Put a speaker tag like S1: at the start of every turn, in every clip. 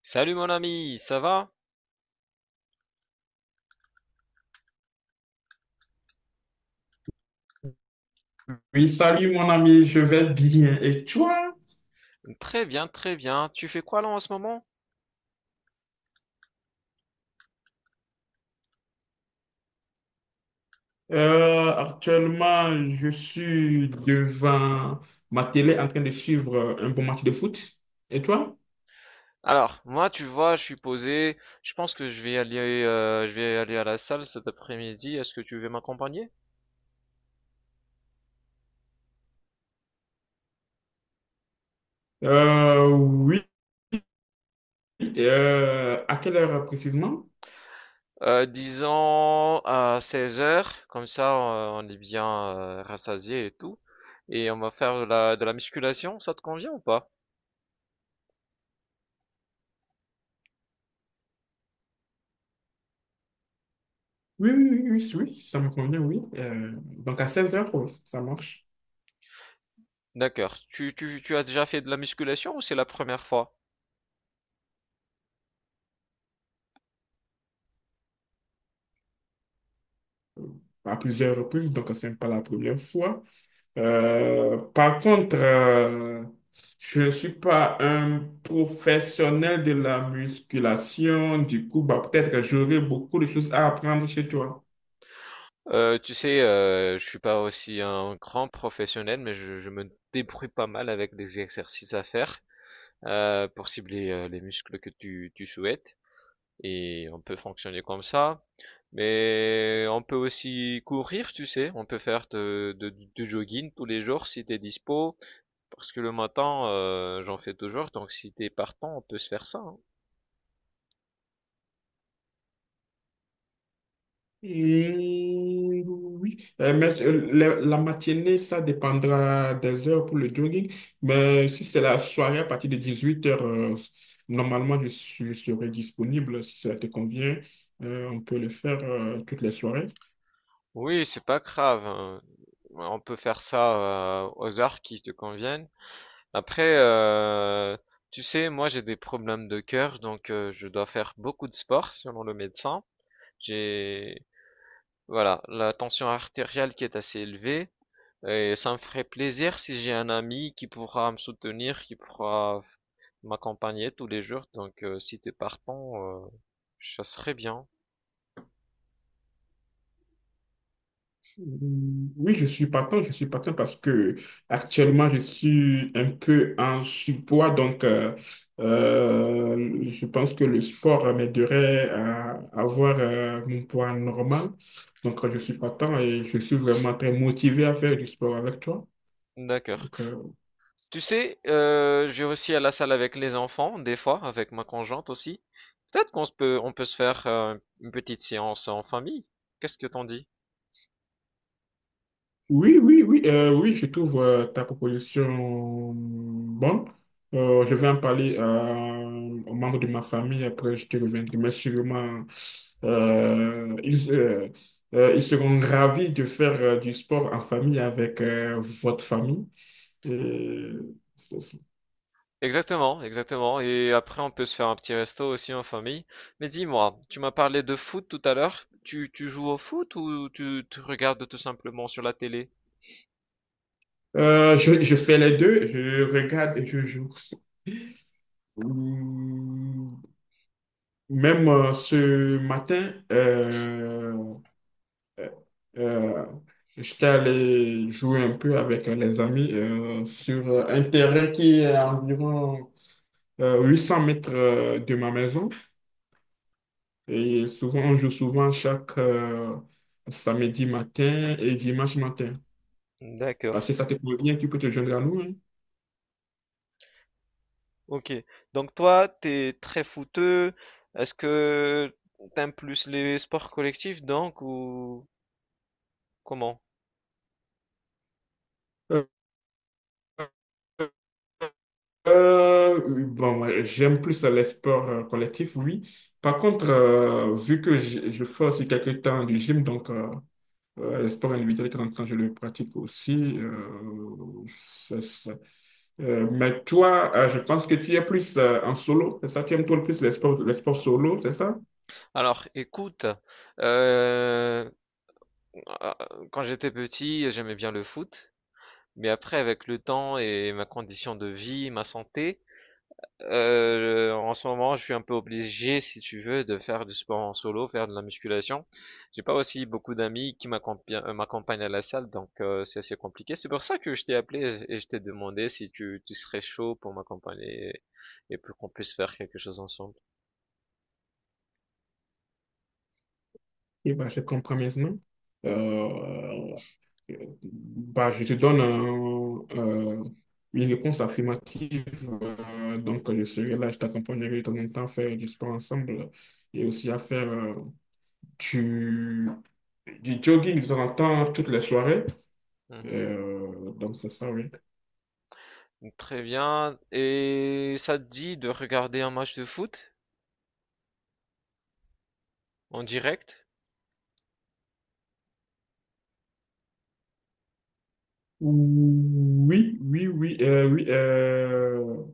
S1: Salut mon ami, ça va?
S2: Oui, salut mon ami, je vais bien. Et toi?
S1: Très bien, très bien. Tu fais quoi là en ce moment?
S2: Actuellement, je suis devant ma télé en train de suivre un bon match de foot. Et toi?
S1: Alors, moi, tu vois, je suis posé. Je pense que je vais aller à la salle cet après-midi. Est-ce que tu veux m'accompagner?
S2: Oui. À quelle heure précisément?
S1: Disons à 16 h, comme ça on est bien rassasié et tout. Et on va faire de la musculation, ça te convient ou pas?
S2: Oui, oui, oui, oui, oui, ça me convient, oui. Donc à 16h, ça marche.
S1: D'accord. Tu as déjà fait de la musculation ou c'est la première fois?
S2: À plusieurs reprises, donc ce n'est pas la première fois. Par contre, je ne suis pas un professionnel de la musculation. Du coup, bah, peut-être que j'aurai beaucoup de choses à apprendre chez toi.
S1: Tu sais, je suis pas aussi un grand professionnel, mais je me débrouille pas mal avec des exercices à faire pour cibler les muscles que tu souhaites. Et on peut fonctionner comme ça. Mais on peut aussi courir, tu sais. On peut faire du jogging tous les jours si t'es dispo. Parce que le matin, j'en fais toujours. Donc si t'es partant, on peut se faire ça. Hein.
S2: Mmh, oui. Mais la matinée, ça dépendra des heures pour le jogging. Mais si c'est la soirée à partir de 18h, normalement, je serai disponible. Si cela te convient, on peut le faire toutes les soirées.
S1: Oui, c'est pas grave. Hein. On peut faire ça aux heures qui te conviennent. Après, tu sais, moi j'ai des problèmes de cœur, donc je dois faire beaucoup de sport selon le médecin. J'ai, voilà, la tension artérielle qui est assez élevée. Et ça me ferait plaisir si j'ai un ami qui pourra me soutenir, qui pourra m'accompagner tous les jours. Donc, si t'es partant, ça serait bien.
S2: Oui, je suis partant parce que actuellement je suis un peu en surpoids, donc je pense que le sport m'aiderait à avoir mon poids normal. Donc je suis partant et je suis vraiment très motivé à faire du sport avec toi.
S1: D'accord. Tu sais, je vais aussi à la salle avec les enfants, des fois, avec ma conjointe aussi. Peut-être qu'on se peut, on peut se faire une petite séance en famille. Qu'est-ce que t'en dis?
S2: Oui, oui, oui, oui, je trouve ta proposition bonne. Je vais en parler aux membres de ma famille, après je te reviendrai. Mais sûrement, euh, ils, euh, ils seront ravis de faire du sport en famille avec votre famille. Et c'est ça.
S1: Exactement, exactement. Et après, on peut se faire un petit resto aussi en famille. Mais dis-moi, tu m'as parlé de foot tout à l'heure. Tu joues au foot ou tu regardes tout simplement sur la télé?
S2: Je fais les deux, je regarde et je joue. Hum. Même ce matin, Euh, euh, j'étais allé jouer un peu avec les amis sur un terrain qui est à environ 800 mètres de ma maison. Et souvent, on joue souvent chaque samedi matin et dimanche matin. Parce
S1: D'accord.
S2: que ça te convient, tu peux te joindre à nous, hein.
S1: Ok. Donc toi, t'es très footeux. Est-ce que t'aimes plus les sports collectifs donc ou comment?
S2: Euh, oui, bon, moi, j'aime plus les sports collectifs, oui. Par contre, vu que je fais aussi quelques temps du gym, donc le sport individuel, de temps en temps, je le pratique aussi, c'est ça. Mais toi, je pense que tu es plus en solo, c'est ça? Tu aimes toi le plus les sports solo, c'est ça?
S1: Alors, écoute, euh, ah, quand j'étais petit, j'aimais bien le foot, mais après, avec le temps et ma condition de vie, ma santé, en ce moment, je suis un peu obligé, si tu veux, de faire du sport en solo, faire de la musculation. J'ai pas aussi beaucoup d'amis qui m'accompagnent à la salle, donc c'est assez compliqué. C'est pour ça que je t'ai appelé et je t'ai demandé si tu serais chaud pour m'accompagner et pour qu'on puisse faire quelque chose ensemble.
S2: Oui, bah, je comprends maintenant. Euh, je te donne une réponse affirmative. Donc, je serai là, je t'accompagnerai de temps en temps à faire du sport ensemble et aussi à faire du, du jogging de temps en temps, toutes les soirées.
S1: Mhm.
S2: Donc, c'est ça, oui.
S1: Très bien. Et ça te dit de regarder un match de foot en direct?
S2: Oui, oui, oui, euh, oui. euh,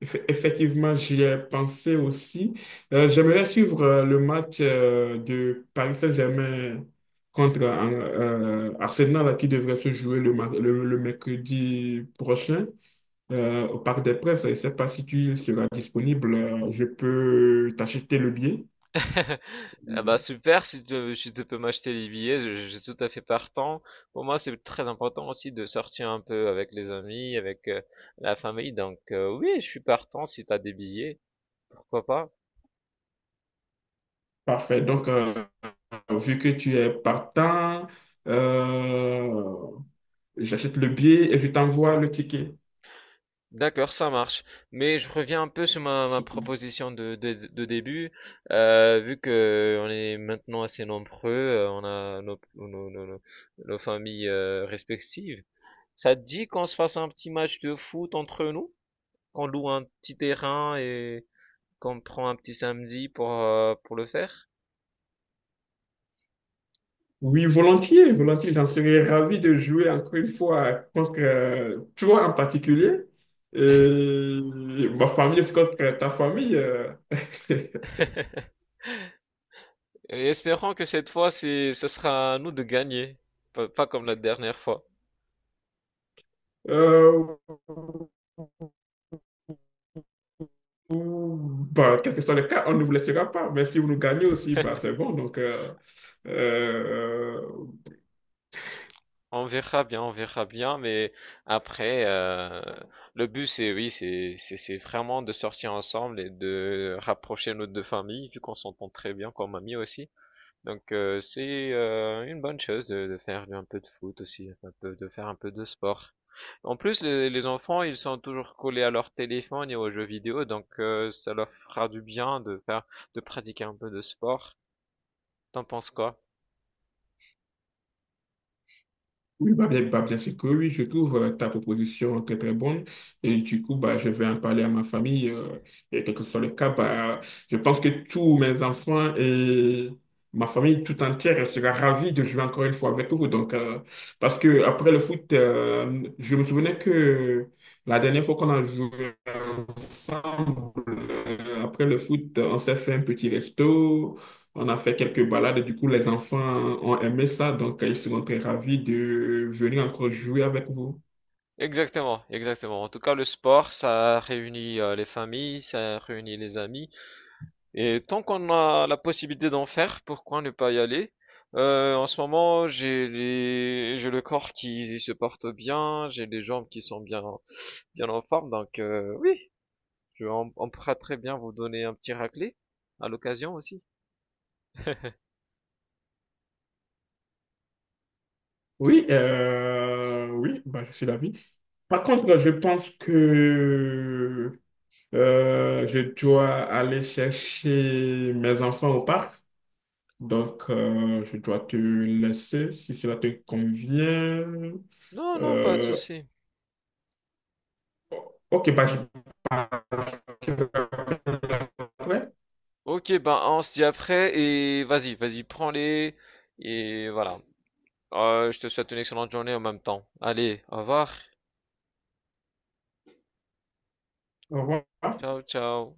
S2: Eff- Effectivement, j'y ai pensé aussi. J'aimerais suivre le match de Paris Saint-Germain contre Arsenal là, qui devrait se jouer le, le mercredi prochain au Parc des Princes. Je ne sais pas si tu seras disponible. Je peux t'acheter le billet.
S1: Ah bah
S2: Euh,
S1: super, si tu peux m'acheter les billets, je suis tout à fait partant. Pour moi, c'est très important aussi de sortir un peu avec les amis, avec la famille. Donc oui, je suis partant si tu as des billets, pourquoi pas.
S2: Parfait. Donc, vu que tu es partant, euh, j'achète le billet et je t'envoie le ticket.
S1: D'accord, ça marche. Mais je reviens un peu sur ma proposition de début. Vu que on est maintenant assez nombreux, on a nos familles respectives. Ça te dit qu'on se fasse un petit match de foot entre nous? Qu'on loue un petit terrain et qu'on prend un petit samedi pour le faire?
S2: Oui, volontiers, volontiers. J'en serais ravi de jouer encore une fois contre toi en particulier. Et ma famille, c'est contre ta famille.
S1: Et espérons que cette fois, ce sera à nous de gagner. Pas comme la dernière fois.
S2: Euh. Bah, quel que soit le cas, on ne vous laissera pas. Mais si vous nous gagnez aussi, bah, c'est bon. Euh,
S1: On verra bien, mais après, le but c'est oui, c'est vraiment de sortir ensemble et de rapprocher nos deux familles, vu qu'on s'entend très bien comme amis aussi. Donc c'est une bonne chose de faire un peu de foot aussi, un peu de faire un peu de sport. En plus, les enfants, ils sont toujours collés à leur téléphone et aux jeux vidéo, donc ça leur fera du bien de pratiquer un peu de sport. T'en penses quoi?
S2: Oui, bah, bien sûr que oui, je trouve ta proposition très très bonne et du coup, bah, je vais en parler à ma famille et quel que soit le cas, bah, je pense que tous mes enfants et ma famille tout entière sera ravie de jouer encore une fois avec vous. Donc, parce que après le foot, je me souvenais que la dernière fois qu'on a joué ensemble, après le foot, on s'est fait un petit resto. On a fait quelques balades, du coup, les enfants ont aimé ça, donc ils seront très ravis de venir encore jouer avec vous.
S1: Exactement, exactement. En tout cas, le sport, ça réunit les familles, ça réunit les amis. Et tant qu'on a la possibilité d'en faire, pourquoi ne pas y aller? En ce moment, j'ai les j'ai le corps qui se porte bien, j'ai les jambes qui sont bien, bien en forme. Donc oui, on pourra très bien vous donner un petit raclé à l'occasion aussi.
S2: Oui, oui, bah, je suis ravi. Par contre, je pense que je dois aller chercher mes enfants au parc, donc je dois te laisser si cela te convient.
S1: Non, non, pas de
S2: Euh,
S1: souci.
S2: ok, bah, je te rappelle après.
S1: Ok, ben on se dit après et vas-y, vas-y, prends-les et voilà. Je te souhaite une excellente journée en même temps. Allez, au revoir.
S2: Au revoir.
S1: Ciao, ciao.